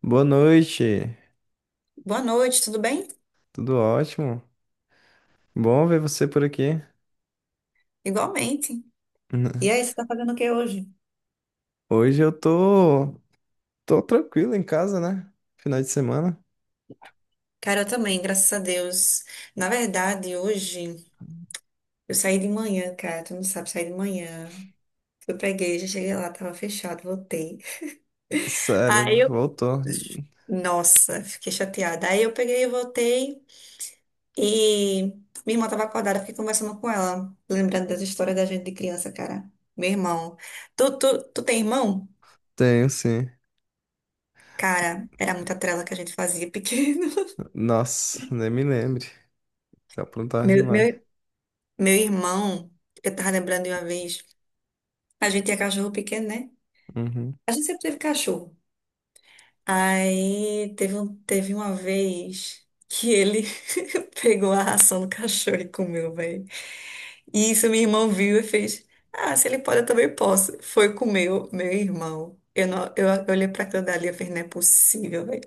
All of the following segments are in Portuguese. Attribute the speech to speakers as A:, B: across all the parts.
A: Boa noite,
B: Boa noite, tudo bem?
A: tudo ótimo. Bom ver você por aqui.
B: Igualmente. E aí, você tá fazendo o que hoje?
A: Hoje eu tô tranquilo em casa, né? Final de semana.
B: Cara, eu também, graças a Deus. Na verdade, hoje eu saí de manhã, cara. Tu não sabe, saí de manhã. Fui pra igreja, cheguei lá, tava fechado, voltei.
A: Sério,
B: Aí eu.
A: voltou.
B: Nossa, fiquei chateada. Aí eu peguei e voltei. E minha irmã tava acordada, fiquei conversando com ela, lembrando das histórias da gente de criança, cara. Meu irmão. Tu tem irmão?
A: Tenho sim.
B: Cara, era muita trela que a gente fazia pequeno.
A: Nossa, nem me lembre. Tá aprontar
B: Meu,
A: demais.
B: meu Meu irmão, eu tava lembrando de uma vez, a gente tinha cachorro pequeno, né?
A: Uhum,
B: A gente sempre teve cachorro. Aí teve, teve uma vez que ele pegou a ração do cachorro e comeu, velho. E isso meu irmão viu e fez: Ah, se ele pode, eu também posso. Foi comer o meu irmão. Eu, não, eu olhei pra aquilo dali e falei: Não é possível, velho.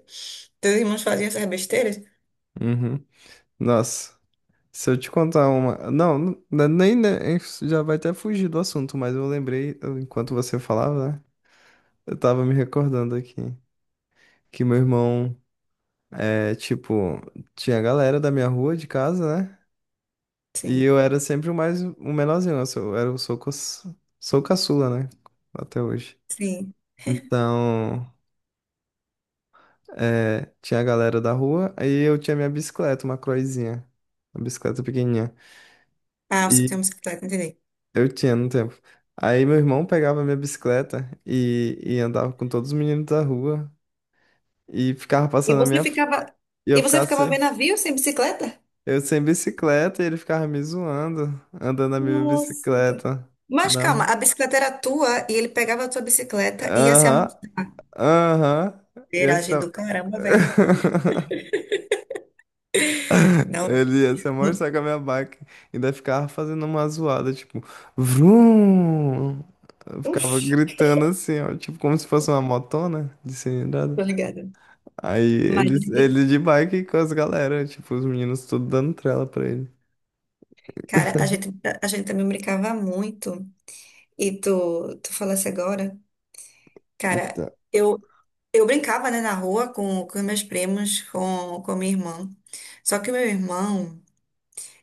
B: Teus irmãos faziam essas besteiras?
A: uhum. Nossa, se eu te contar uma. Não, nem já vai até fugir do assunto, mas eu lembrei, enquanto você falava, né? Eu tava me recordando aqui que meu irmão é tipo. Tinha a galera da minha rua de casa, né? E
B: Sim,
A: eu era sempre o menorzinho, né? eu sou, eu era o sou, sou caçula, né? Até hoje.
B: sim.
A: Então, tinha a galera da rua, aí eu tinha minha bicicleta, uma croizinha, uma bicicleta pequenininha.
B: Ah, você
A: E
B: tem uma bicicleta, entendi.
A: eu tinha no tempo. Aí meu irmão pegava minha bicicleta e andava com todos os meninos da rua e ficava
B: E
A: passando a
B: você
A: minha.
B: ficava,
A: E eu
B: e você
A: ficava,
B: ficava vendo navio sem bicicleta?
A: eu sem bicicleta e ele ficava me zoando, andando na minha
B: Nossa, cara.
A: bicicleta.
B: Mas
A: Na...
B: calma, a bicicleta era tua e ele pegava a tua bicicleta e ia se
A: Aham,
B: amostrar.
A: aham,
B: Viragem
A: essa.
B: do caramba, velho. Não.
A: Ele ia se mostrar com a minha bike. Ainda ficava fazendo uma zoada, tipo, vrum! Eu ficava
B: Uf,
A: gritando assim, ó, tipo, como se fosse uma motona de cilindrada.
B: tô ligada.
A: Aí
B: Mas, a
A: ele,
B: gente-
A: ele de bike com as galera, tipo, os meninos tudo dando trela pra ele.
B: cara, a gente também brincava muito. E tu, tu falasse agora, cara,
A: Então,
B: eu, eu brincava, né, na rua com meus primos, com minha irmã. Só que o meu irmão,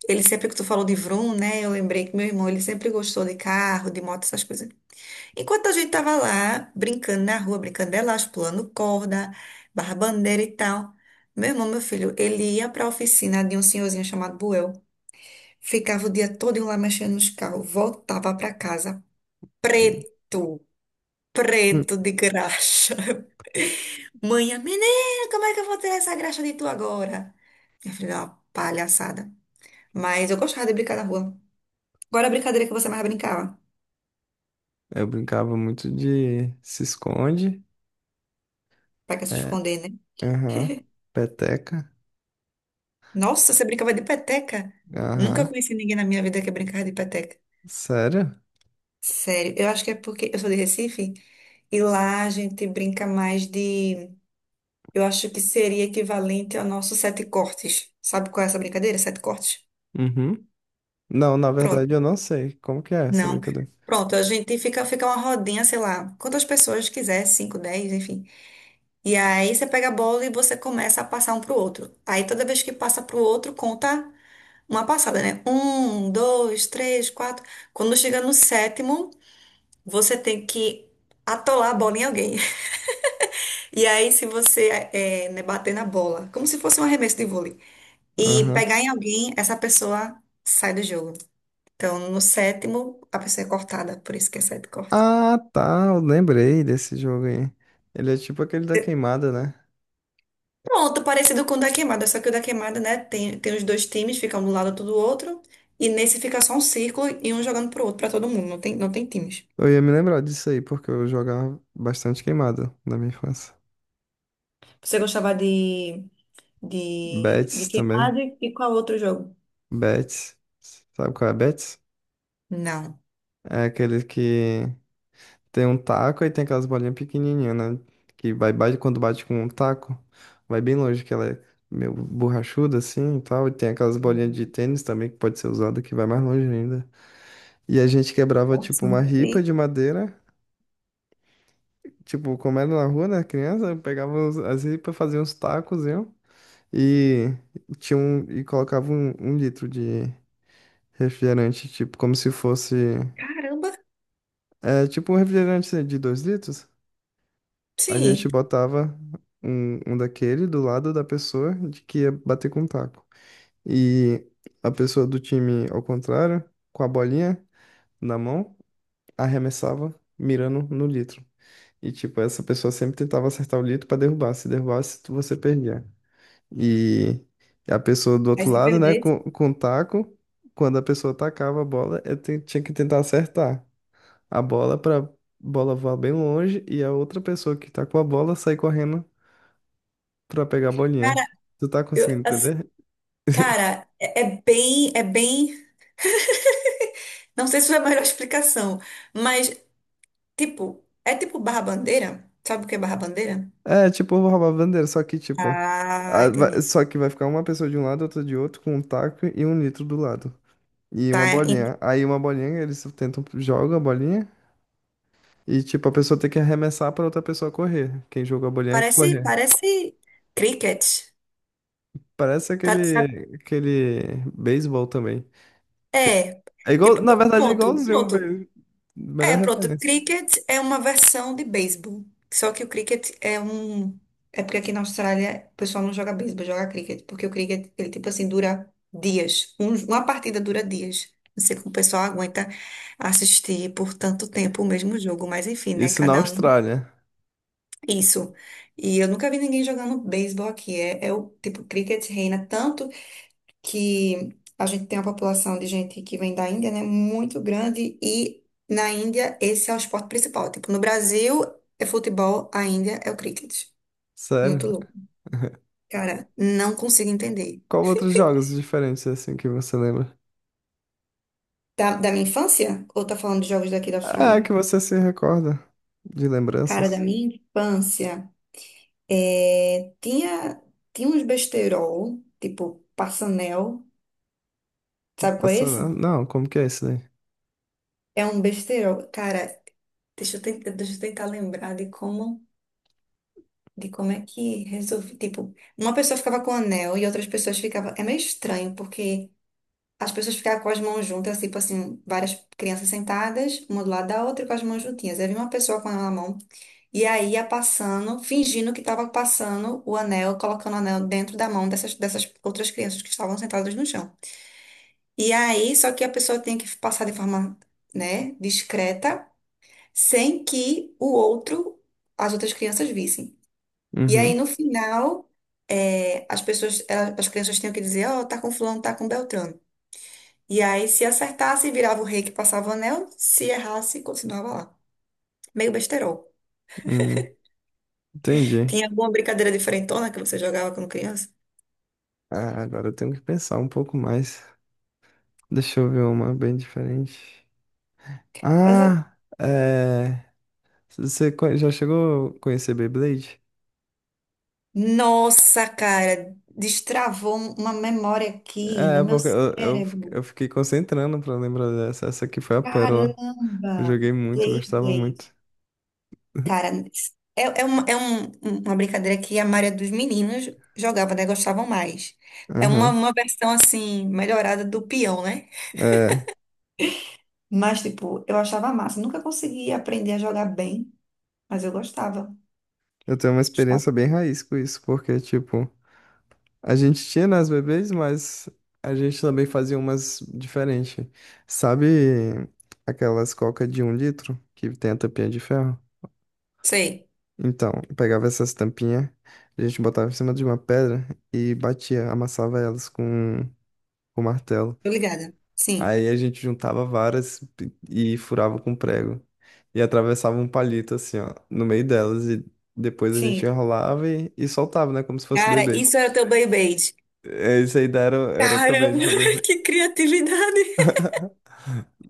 B: ele sempre que tu falou de Vroom, né, eu lembrei que meu irmão, ele sempre gostou de carro, de moto, essas coisas. Enquanto a gente tava lá, brincando na rua, brincando de elástico, pulando corda, barra bandeira e tal, meu irmão, meu filho, ele ia pra oficina de um senhorzinho chamado Buel, ficava o dia todo lá mexendo nos carros, voltava pra casa
A: hum,
B: preto, preto de graxa. Mãe, menina, como é que eu vou tirar essa graxa de tu agora? Minha filha, é uma palhaçada. Mas eu gostava de brincar na rua. Agora a brincadeira que você mais brincava?
A: eu brincava muito de se esconde,
B: Pra que se
A: é,
B: esconder, né?
A: aham, peteca,
B: Nossa, você brincava de peteca? Nunca
A: aham,
B: conheci ninguém na minha vida que brincava de peteca.
A: sério?
B: Sério, eu acho que é porque eu sou de Recife e lá a gente brinca mais de. Eu acho que seria equivalente ao nosso sete cortes. Sabe qual é essa brincadeira? Sete cortes?
A: Uhum. Não, na verdade
B: Pronto.
A: eu não sei. Como que é essa
B: Não.
A: brincadeira?
B: Pronto, a gente fica uma rodinha, sei lá, quantas pessoas quiser, cinco, dez, enfim. E aí você pega a bola e você começa a passar um pro outro. Aí toda vez que passa pro outro, conta. Uma passada, né? Um, dois, três, quatro. Quando chega no sétimo, você tem que atolar a bola em alguém. E aí, se você é, né, bater na bola, como se fosse um arremesso de vôlei, e
A: Aham.
B: pegar em alguém, essa pessoa sai do jogo. Então, no sétimo, a pessoa é cortada, por isso que é sete corte.
A: Ah, tá. Eu lembrei desse jogo aí. Ele é tipo aquele da queimada, né?
B: Pronto, parecido com o da queimada, só que o da queimada, né? Tem os dois times, fica um do lado outro do outro. E nesse fica só um círculo e um jogando pro outro, pra todo mundo. Não tem times.
A: Eu ia me lembrar disso aí, porque eu jogava bastante queimada na minha infância.
B: Você gostava de de
A: Betis também.
B: queimado e qual outro jogo?
A: Betis. Sabe qual é Betis?
B: Não.
A: É aquele que tem um taco e tem aquelas bolinhas pequenininhas, né? Que vai, bate, quando bate com um taco, vai bem longe, que ela é meio borrachuda assim e tal. E tem aquelas bolinhas de tênis também que pode ser usada que vai mais longe ainda. E a gente quebrava, tipo,
B: Nossa, não
A: uma
B: tô
A: ripa
B: aí.
A: de madeira. Tipo, como era na rua, né? Criança, pegava as ripas, fazia uns tacos, viu? E, e colocava um litro de refrigerante, tipo, como se fosse...
B: Caramba!
A: É, tipo um refrigerante assim, de 2 litros. A gente
B: Sim.
A: botava um daquele do lado da pessoa de que ia bater com o taco. E a pessoa do time, ao contrário, com a bolinha na mão, arremessava, mirando no litro. E, tipo, essa pessoa sempre tentava acertar o litro pra derrubar. Se derrubasse, você perdia. E a pessoa do
B: Aí
A: outro
B: se
A: lado, né, com,
B: perdesse.
A: com o taco, quando a pessoa tacava a bola, tinha que tentar acertar a bola pra bola voar bem longe e a outra pessoa que tá com a bola sair correndo pra pegar a bolinha.
B: Cara,
A: Tu tá
B: eu,
A: conseguindo
B: assim,
A: entender?
B: cara, é bem. Não sei se é a melhor explicação, mas, tipo, é tipo barra-bandeira? Sabe o que é barra-bandeira?
A: É, tipo, eu vou roubar a bandeira, só que, tipo,
B: Ah, entendi.
A: só que vai ficar uma pessoa de um lado, outra de outro, com um taco e um litro do lado. E
B: Tá,
A: uma
B: en-
A: bolinha. Aí uma bolinha, eles tentam, jogam a bolinha. E, tipo, a pessoa tem que arremessar pra outra pessoa correr. Quem jogou a bolinha correr.
B: parece cricket.
A: Parece
B: Tá, sabe?
A: aquele beisebol também. Tipo,
B: É.
A: é igual,
B: Tipo,
A: na verdade, é
B: pronto,
A: igualzinho um
B: pronto.
A: beisebol. Melhor
B: É, pronto.
A: referência.
B: Cricket é uma versão de beisebol. Só que o cricket é um. É porque aqui na Austrália o pessoal não joga beisebol, joga cricket. Porque o cricket, ele tipo assim, dura dias. Uma partida dura dias. Não sei como o pessoal aguenta assistir por tanto tempo o mesmo jogo, mas enfim, né?
A: Isso na
B: Cada um.
A: Austrália.
B: Isso. E eu nunca vi ninguém jogando beisebol aqui. É, é o tipo, cricket reina tanto que a gente tem uma população de gente que vem da Índia, né, muito grande e na Índia esse é o esporte principal. Tipo, no Brasil é futebol, a Índia é o cricket. Muito
A: Sério.
B: louco. Cara, não consigo entender.
A: Qual outros jogos diferentes, assim, que você lembra?
B: Da, da minha infância? Ou tá falando de jogos daqui da Austrália?
A: Ah, que você se recorda de
B: Cara, da
A: lembranças.
B: minha infância, é, tinha, tinha uns besterol, tipo passanel. Sabe qual é
A: Passa...
B: esse?
A: Não, como que é isso daí?
B: É um besterol. Cara, deixa eu tentar lembrar de como. De como é que resolvi. Tipo, uma pessoa ficava com o anel e outras pessoas ficavam. É meio estranho, porque as pessoas ficavam com as mãos juntas, tipo assim, várias crianças sentadas, uma do lado da outra, com as mãos juntinhas. Aí vinha uma pessoa com o anel na mão e aí ia passando, fingindo que estava passando o anel, colocando o anel dentro da dessas outras crianças que estavam sentadas no chão. E aí, só que a pessoa tem que passar de forma, né, discreta, sem que o outro, as outras crianças vissem. E aí,
A: Uhum,
B: no final, é, as crianças tinham que dizer, ó, tá com fulano, tá com Beltrano. E aí, se acertasse, virava o rei que passava o anel, se errasse, continuava lá. Meio besterol.
A: uhum, entendi.
B: Tinha alguma brincadeira diferentona que você jogava quando criança?
A: Ah, agora eu tenho que pensar um pouco mais. Deixa eu ver uma bem diferente.
B: Mas, é-
A: Ah, é... Você já chegou a conhecer Beyblade?
B: nossa, cara, destravou uma memória aqui no
A: É,
B: meu
A: porque eu, eu, fi-
B: cérebro.
A: eu fiquei concentrando pra lembrar dessa. Essa aqui foi a pérola.
B: Caramba!
A: Eu joguei muito, gostava
B: Play,
A: muito.
B: cara, é, é, uma, é um- um, uma brincadeira que a maioria dos meninos jogava, né? Gostavam mais. É
A: Aham.
B: uma versão, assim, melhorada do peão, né?
A: É,
B: Mas, tipo, eu achava massa. Nunca consegui aprender a jogar bem, mas eu gostava.
A: eu tenho uma experiência
B: Gostava.
A: bem raiz com isso, porque, tipo, a gente tinha nas bebês, mas a gente também fazia umas diferentes. Sabe aquelas coca de um litro que tem a tampinha de ferro?
B: Sei,
A: Então, eu pegava essas tampinhas, a gente botava em cima de uma pedra e batia, amassava elas com martelo.
B: tô ligada. Sim.
A: Aí a gente juntava varas e furava com prego. E atravessava um palito assim, ó, no meio delas. E depois a gente
B: Sim.
A: enrolava e soltava, né? Como se fosse
B: Cara,
A: Beyblade.
B: isso era teu Beyblade.
A: É, isso aí daí era
B: Caramba,
A: também de fazer.
B: que criatividade.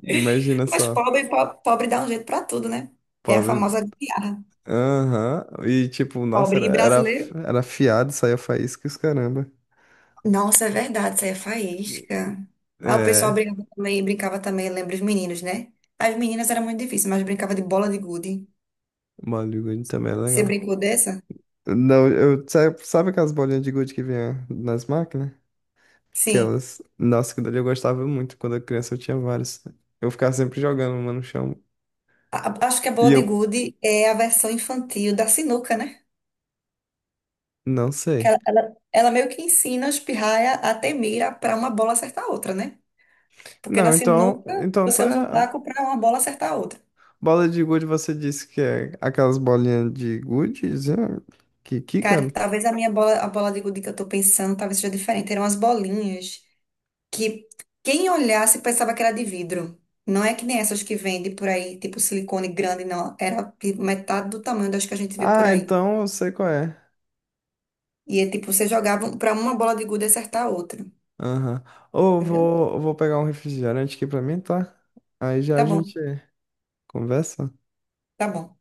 A: Imagina
B: Mas
A: só,
B: pobre, pobre, dá um jeito pra tudo, né? É a
A: pobre.
B: famosa gambiarra.
A: Aham. E tipo, nossa,
B: Pobre
A: era,
B: e
A: era,
B: brasileiro.
A: era afiado, saía faísca e os caramba.
B: Nossa, é verdade, saía faísca. Aí o pessoal
A: É,
B: brincava também, lembra os meninos, né? As meninas era muito difícil, mas brincava de bola de gude.
A: bola de gude também era
B: Você
A: legal.
B: brincou dessa?
A: Não, eu, sabe aquelas bolinhas de gude que vinha nas máquinas?
B: Sim.
A: Aquelas. Nossa, que dali eu gostava muito. Quando eu criança eu tinha várias. Eu ficava sempre jogando uma no chão.
B: Acho que a
A: E
B: bola de
A: eu
B: gude é a versão infantil da sinuca, né?
A: não
B: Que
A: sei.
B: ela meio que ensina os pirraia a ter mira para uma bola acertar a outra, né? Porque na
A: Não, então,
B: sinuca
A: então tu
B: você
A: é
B: usa um taco para uma bola acertar a outra.
A: bola de gude você disse que é aquelas bolinhas de gude é, que
B: Cara,
A: quicam?
B: talvez a minha bola, a bola de gude que eu tô pensando, talvez seja diferente. Eram as bolinhas. Que quem olhasse pensava que era de vidro. Não é que nem essas que vendem por aí, tipo silicone grande, não. Era tipo, metade do tamanho das que a gente vê por
A: Ah,
B: aí.
A: então eu sei qual é.
B: E é tipo, você jogava pra uma bola de gude acertar a outra.
A: Aham. Ou
B: Entendeu?
A: vou, eu vou pegar um refrigerante aqui pra mim, tá? Aí já
B: Tá
A: a
B: bom,
A: gente conversa.
B: tá bom.